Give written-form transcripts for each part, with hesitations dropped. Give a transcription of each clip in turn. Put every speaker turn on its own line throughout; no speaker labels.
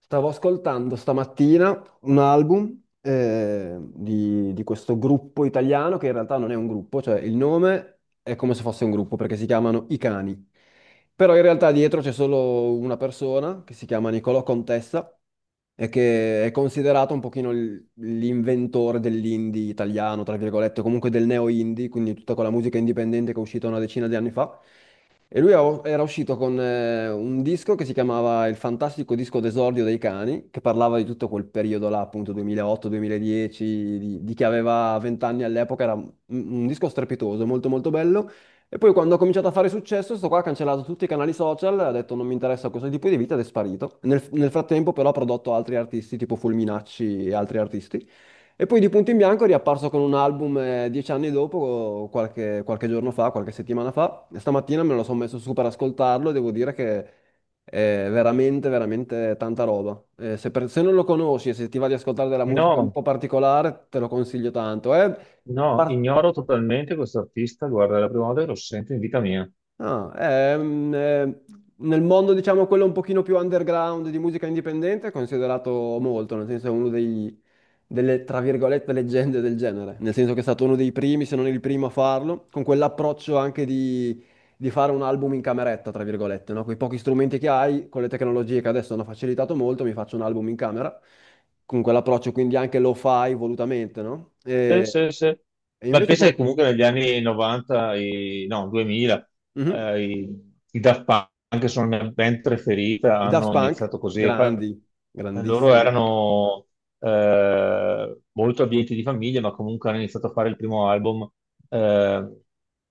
Stavo ascoltando stamattina un album di questo gruppo italiano che in realtà non è un gruppo, cioè il nome è come se fosse un gruppo perché si chiamano I Cani. Però in realtà dietro c'è solo una persona che si chiama Nicolò Contessa e che è considerato un pochino l'inventore dell'indie italiano, tra virgolette, o comunque del neo-indie, quindi tutta quella musica indipendente che è uscita una decina di anni fa. E era uscito con un disco che si chiamava Il fantastico disco d'esordio dei cani, che parlava di tutto quel periodo là, appunto 2008-2010, di chi aveva 20 anni all'epoca, era un disco strepitoso, molto molto bello. E poi quando ha cominciato a fare successo, sto qua ha cancellato tutti i canali social, ha detto non mi interessa questo tipo di vita ed è sparito. Nel frattempo però ha prodotto altri artisti tipo Fulminacci e altri artisti. E poi di punto in bianco è riapparso con un album 10 anni dopo, qualche giorno fa, qualche settimana fa. E stamattina me lo sono messo su per ascoltarlo e devo dire che è veramente, veramente tanta roba. Se non lo conosci e se ti va di ascoltare della musica un
No,
po' particolare, te lo consiglio tanto. È
no,
par-
ignoro totalmente questo artista. Guarda, è la prima volta che lo sento in vita mia.
Ah, ehm, eh, nel mondo, diciamo, quello un pochino più underground di musica indipendente è considerato molto, nel senso è uno delle, tra virgolette, leggende del genere, nel senso che è stato uno dei primi, se non il primo a farlo, con quell'approccio anche di fare un album in cameretta, tra virgolette, no? Con i pochi strumenti che hai, con le tecnologie che adesso hanno facilitato molto, mi faccio un album in camera, con quell'approccio quindi anche lo fai volutamente, no?
Sì,
E,
sì, sì.
e
Beh,
invece
pensa che
con...
comunque negli anni 90, no, 2000,
Mhm.
i Daft Punk, che sono la mia band preferita,
I Daft
hanno
Punk,
iniziato così. E poi
grandi.
loro
Grandissimi.
erano molto abbienti di famiglia, ma comunque hanno iniziato a fare il primo album eh,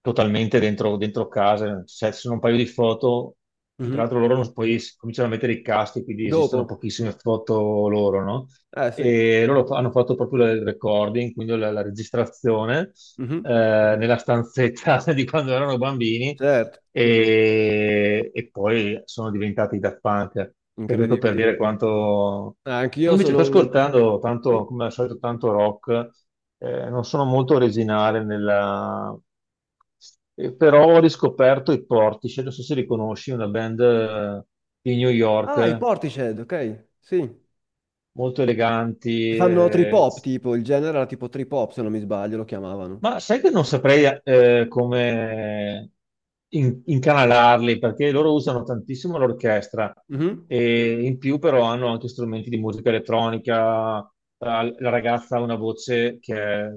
totalmente dentro casa. Cioè, ci sono un paio di foto, che tra
Mhm.
l'altro loro cominciano a mettere i caschi, quindi esistono
Dopo?
pochissime foto loro, no?
Eh sì,
E loro hanno fatto proprio il recording, quindi la registrazione
mhm.
nella stanzetta di quando erano bambini
Certo,
e poi sono diventati Daft Punk. E questo per dire
incredibili.
quanto.
Ah,
E
anch'io
invece sto
sono un...
ascoltando
Sì?
tanto, come al solito, tanto rock, non sono molto originale nella. Però ho riscoperto i Portishead, non so se li conosci, una band di New
Ah, i
York,
Portishead, ok, sì. Che
molto eleganti.
fanno trip
Eh,
hop, tipo, il genere era tipo trip hop, se non mi sbaglio, lo chiamavano.
Ma sai che non saprei come incanalarli, perché loro usano tantissimo l'orchestra
Mhm.
e in più però hanno anche strumenti di musica elettronica. La ragazza ha una voce che è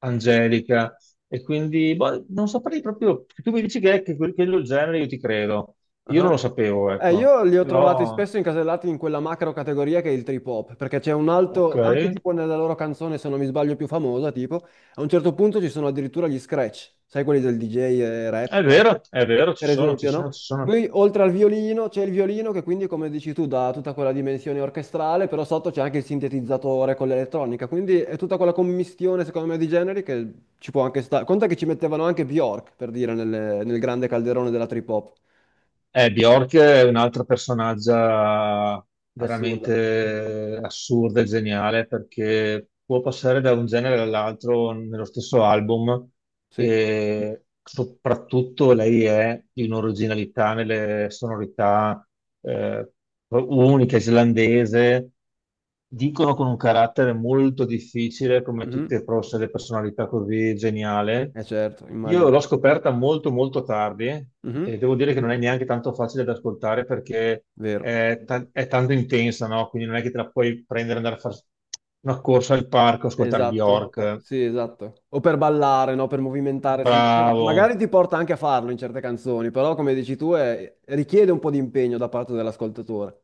angelica, e quindi boh, non saprei proprio. Tu mi dici che quello è il genere, io ti credo. Io non lo
Ah.
sapevo, ecco.
Io li ho trovati
Però,
spesso incasellati in quella macro categoria che è il trip hop, perché c'è un
ok,
altro, anche tipo nella loro canzone, se non mi sbaglio, più famosa, tipo, a un certo punto ci sono addirittura gli scratch, sai quelli del DJ e rap, classico?
è vero, ci
Per
sono, ci
esempio,
sono,
no?
ci sono.
Poi oltre al violino c'è il violino che quindi, come dici tu, dà tutta quella dimensione orchestrale, però sotto c'è anche il sintetizzatore con l'elettronica, quindi è tutta quella commistione, secondo me, di generi che ci può anche stare. Conta che ci mettevano anche Bjork, per dire, nel grande calderone della trip hop.
Bjork è un'altra personaggia
Assurda.
veramente assurda e geniale, perché può passare da un genere all'altro nello stesso album,
Sì.
e soprattutto lei è di un'originalità nelle sonorità eh, unica, islandese. Dicono con un carattere molto difficile, come
Mhm.
tutte forse le personalità così geniale.
Eh certo,
Io
immagino.
l'ho scoperta molto molto tardi, e
Mhm.
devo dire che non è neanche tanto facile da ascoltare perché
Vero.
è tanto intensa, no? Quindi non è che te la puoi prendere e andare a fare una corsa al parco, ascoltare
Esatto,
Bjork.
sì, esatto. O per ballare, no? Per movimentare.
Bravo.
Magari ti porta anche a farlo in certe canzoni, però come dici tu richiede un po' di impegno da parte dell'ascoltatore.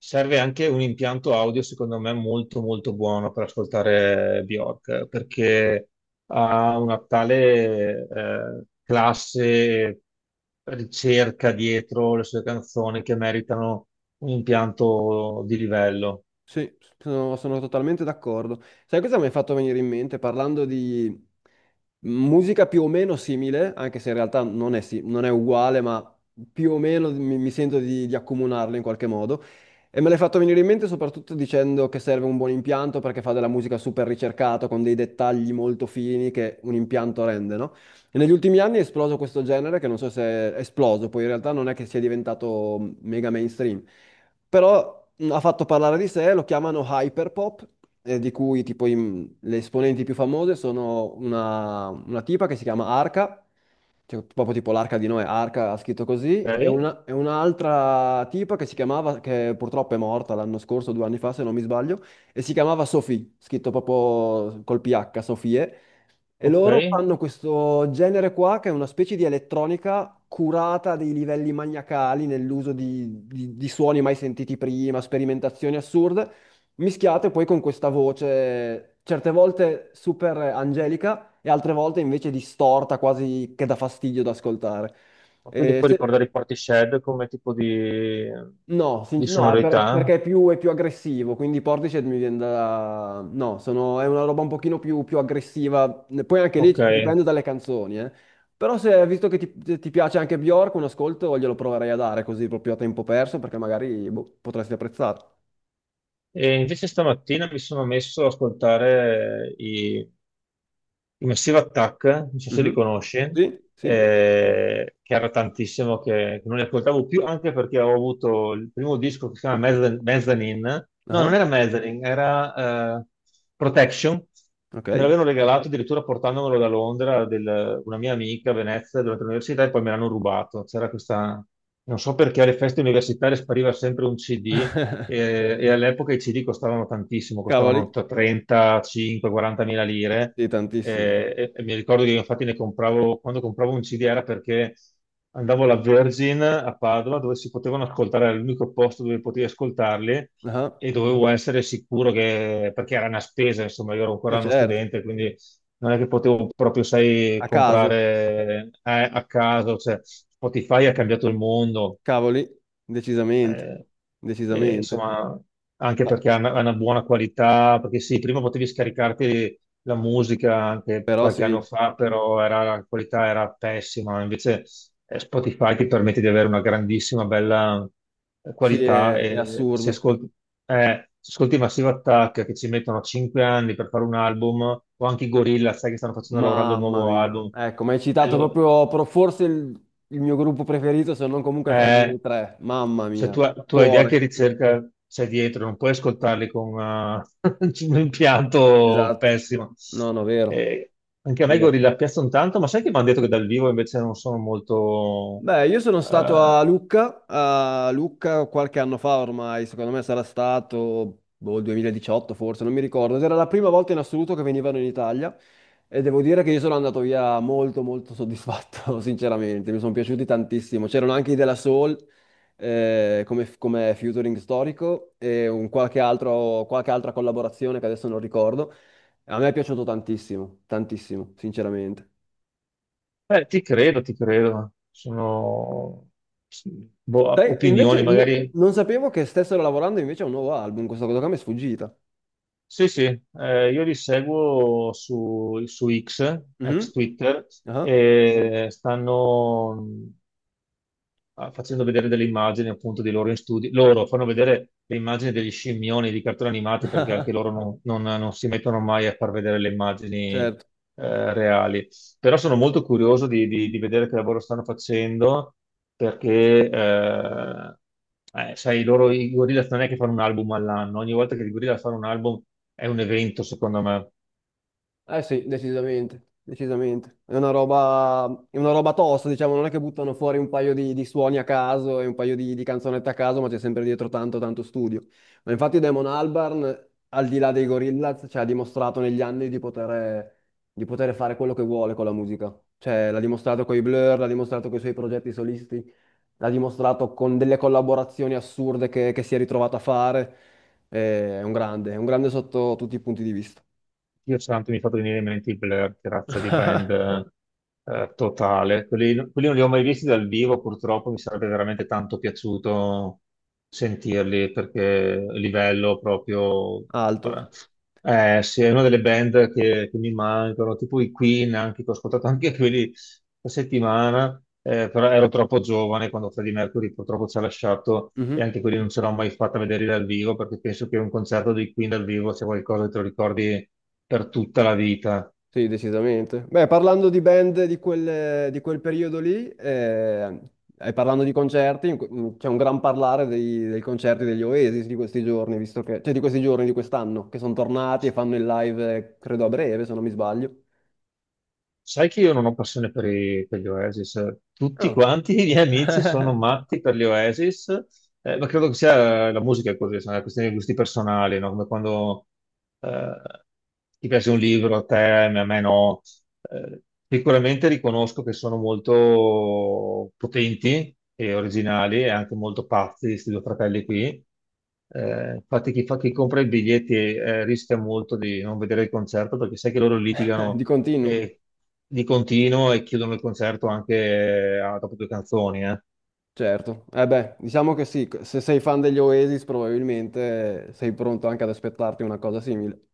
Serve anche un impianto audio, secondo me, molto molto buono per ascoltare Bjork, perché ha una tale classe, ricerca dietro le sue canzoni, che meritano un impianto di livello.
Sì, sono totalmente d'accordo. Sai cosa mi hai fatto venire in mente parlando di musica più o meno simile, anche se in realtà non è uguale, ma più o meno mi sento di accomunarle in qualche modo. E me l'hai fatto venire in mente soprattutto dicendo che serve un buon impianto perché fa della musica super ricercata, con dei dettagli molto fini che un impianto rende, no? E negli ultimi anni è esploso questo genere che non so se è esploso, poi in realtà non è che sia diventato mega mainstream però ha fatto parlare di sé, lo chiamano Hyperpop, di cui tipo i- le esponenti più famose sono una tipa che si chiama Arca, cioè, proprio tipo l'arca di Noè, Arca ha scritto così,
Ok,
e un'altra tipa che si chiamava, che purtroppo è morta l'anno scorso, due anni fa se non mi sbaglio, e si chiamava Sophie, scritto proprio col PH, Sofie, e
ok.
loro
Ma
fanno questo genere qua che è una specie di elettronica curata a dei livelli maniacali nell'uso di suoni mai sentiti prima, sperimentazioni assurde, mischiate poi con questa voce certe volte super angelica e altre volte invece distorta, quasi che dà fastidio da ascoltare.
quindi
E
puoi
se-
ricordare i Portishead come tipo di,
No, sinc-
di
no, è per-
sonorità?
perché è più aggressivo, quindi Portishead mi viene da... No, sono- è una roba un pochino più aggressiva, poi anche lì
Ok.
dipende dalle canzoni, eh. Però se, visto che ti piace anche Bjork, un ascolto glielo proverei a dare così proprio a tempo perso, perché magari boh, potresti apprezzare.
E invece stamattina mi sono messo ad ascoltare i Massive Attack, non so se li
Mhm.
conosci,
Sì, sì,
che era tantissimo che non li ascoltavo più, anche perché ho avuto il primo disco che si chiama Mezzanine, no, non
ah,
era Mezzanine, era Protection,
ok,
me l'avevano regalato addirittura portandomelo da Londra, una mia amica a Venezia durante l'università, e poi me l'hanno rubato. C'era questa, non so perché alle feste universitarie spariva sempre un CD, e all'epoca i CD costavano tantissimo,
cavoli,
costavano tra 35, 40 mila lire.
sì, tantissimi,
E mi ricordo che io infatti ne compravo, quando compravo un CD, era perché andavo alla Virgin a Padova, dove si potevano ascoltare, era l'unico posto dove potevi ascoltarli,
ah,
e dovevo essere sicuro, che, perché era una spesa, insomma, io ero
eh
ancora uno
certo,
studente, quindi non è che potevo proprio, sai,
a caso,
comprare a caso. Cioè, Spotify ha cambiato il mondo,
cavoli, decisamente,
eh,
decisamente,
insomma, anche
ah,
perché ha una buona qualità, perché sì, prima potevi scaricarti la musica anche
però
qualche
sì.
anno fa, però la qualità era pessima, invece Spotify ti permette di avere una grandissima, bella
Sì,
qualità,
è
e
assurdo.
se ascolti Massive Attack, che ci mettono 5 anni per fare un album, o anche i Gorilla, sai che stanno facendo, lavorando il
Mamma
nuovo
mia.
album,
Ecco, mi hai citato
allora,
proprio forse il mio gruppo preferito, se non comunque tra i
eh,
miei tre. Mamma
cioè,
mia.
tu, tu hai idea che
Cuore.
ricerca c'è dietro, non puoi ascoltarli con un impianto
Esatto.
pessimo.
No, no, vero.
Eh, anche a me i
Vero.
Gorilla piacciono tanto, ma sai che mi hanno detto che dal vivo invece non sono molto.
Beh, io sono stato
eh,
a Lucca qualche anno fa ormai, secondo me sarà stato boh, 2018 forse, non mi ricordo. Ed era la prima volta in assoluto che venivano in Italia e devo dire che io sono andato via molto molto soddisfatto, sinceramente, mi sono piaciuti tantissimo. C'erano anche i della Soul come, come featuring storico e un qualche altro, qualche altra collaborazione che adesso non ricordo. A me è piaciuto tantissimo, tantissimo, sinceramente.
eh, ti credo, ti credo. Sono boh,
Sai, e invece
opinioni, magari.
non sapevo che stessero lavorando invece a un nuovo album, questa cosa qua mi è sfuggita.
Sì, sì, io li seguo su X, ex
Mhm.
Twitter,
Ah,
e stanno facendo vedere delle immagini appunto di loro in studio. Loro fanno vedere le immagini degli scimmioni di cartoni animati, perché anche loro non si mettono mai a far vedere le immagini
certo.
reali. Però sono molto curioso di vedere che lavoro stanno facendo, perché, sai, loro i Gorillaz non è che fanno un album all'anno, ogni volta che i Gorillaz fanno un album è un evento, secondo me.
Eh sì, decisamente, decisamente. È una roba tosta, diciamo, non è che buttano fuori un paio di suoni a caso e un paio di canzonette a caso, ma c'è sempre dietro tanto, tanto studio. Ma infatti Damon Albarn, al di là dei Gorillaz, cioè, ha dimostrato negli anni di poter fare quello che vuole con la musica. Cioè, l'ha dimostrato con i Blur, l'ha dimostrato con i suoi progetti solisti. L'ha dimostrato con delle collaborazioni assurde che si è ritrovato a fare. È un grande sotto tutti i punti di vista.
Dio santo, mi ha fatto venire in mente i Blur, che razza di band totale. Quelli non li ho mai visti dal vivo, purtroppo, mi sarebbe veramente tanto piaciuto sentirli, perché livello proprio.
Alto.
Ora. Sì, è una delle band che mi mancano, tipo i Queen, anche, che ho ascoltato anche quelli questa settimana, però ero troppo giovane quando Freddie Mercury purtroppo ci ha lasciato, e
Mhm.
anche quelli non ce l'ho mai fatta vedere dal vivo, perché penso che un concerto dei Queen dal vivo sia qualcosa che te lo ricordi per tutta la vita.
Sì, decisamente. Beh, parlando di band di di quel periodo lì, e parlando di concerti, c'è un gran parlare dei concerti degli Oasis di questi giorni, visto che, cioè di questi giorni, di quest'anno, che sono tornati e fanno il live, credo a breve, se non mi sbaglio.
Sai che io non ho passione per gli Oasis. Tutti
Ah,
quanti i miei amici sono matti per gli Oasis, ma credo che sia la musica è così, sono una questione di gusti personali, no? Come quando eh, ti piace un libro a te, a me no. Eh, sicuramente riconosco che sono molto potenti e originali e anche molto pazzi, questi due fratelli qui. Infatti chi chi compra i biglietti rischia molto di non vedere il concerto, perché sai che loro
di
litigano
continuo.
e di continuo, e chiudono il concerto anche dopo due canzoni.
Certo, eh beh, diciamo che sì, se sei fan degli Oasis probabilmente sei pronto anche ad aspettarti una cosa simile.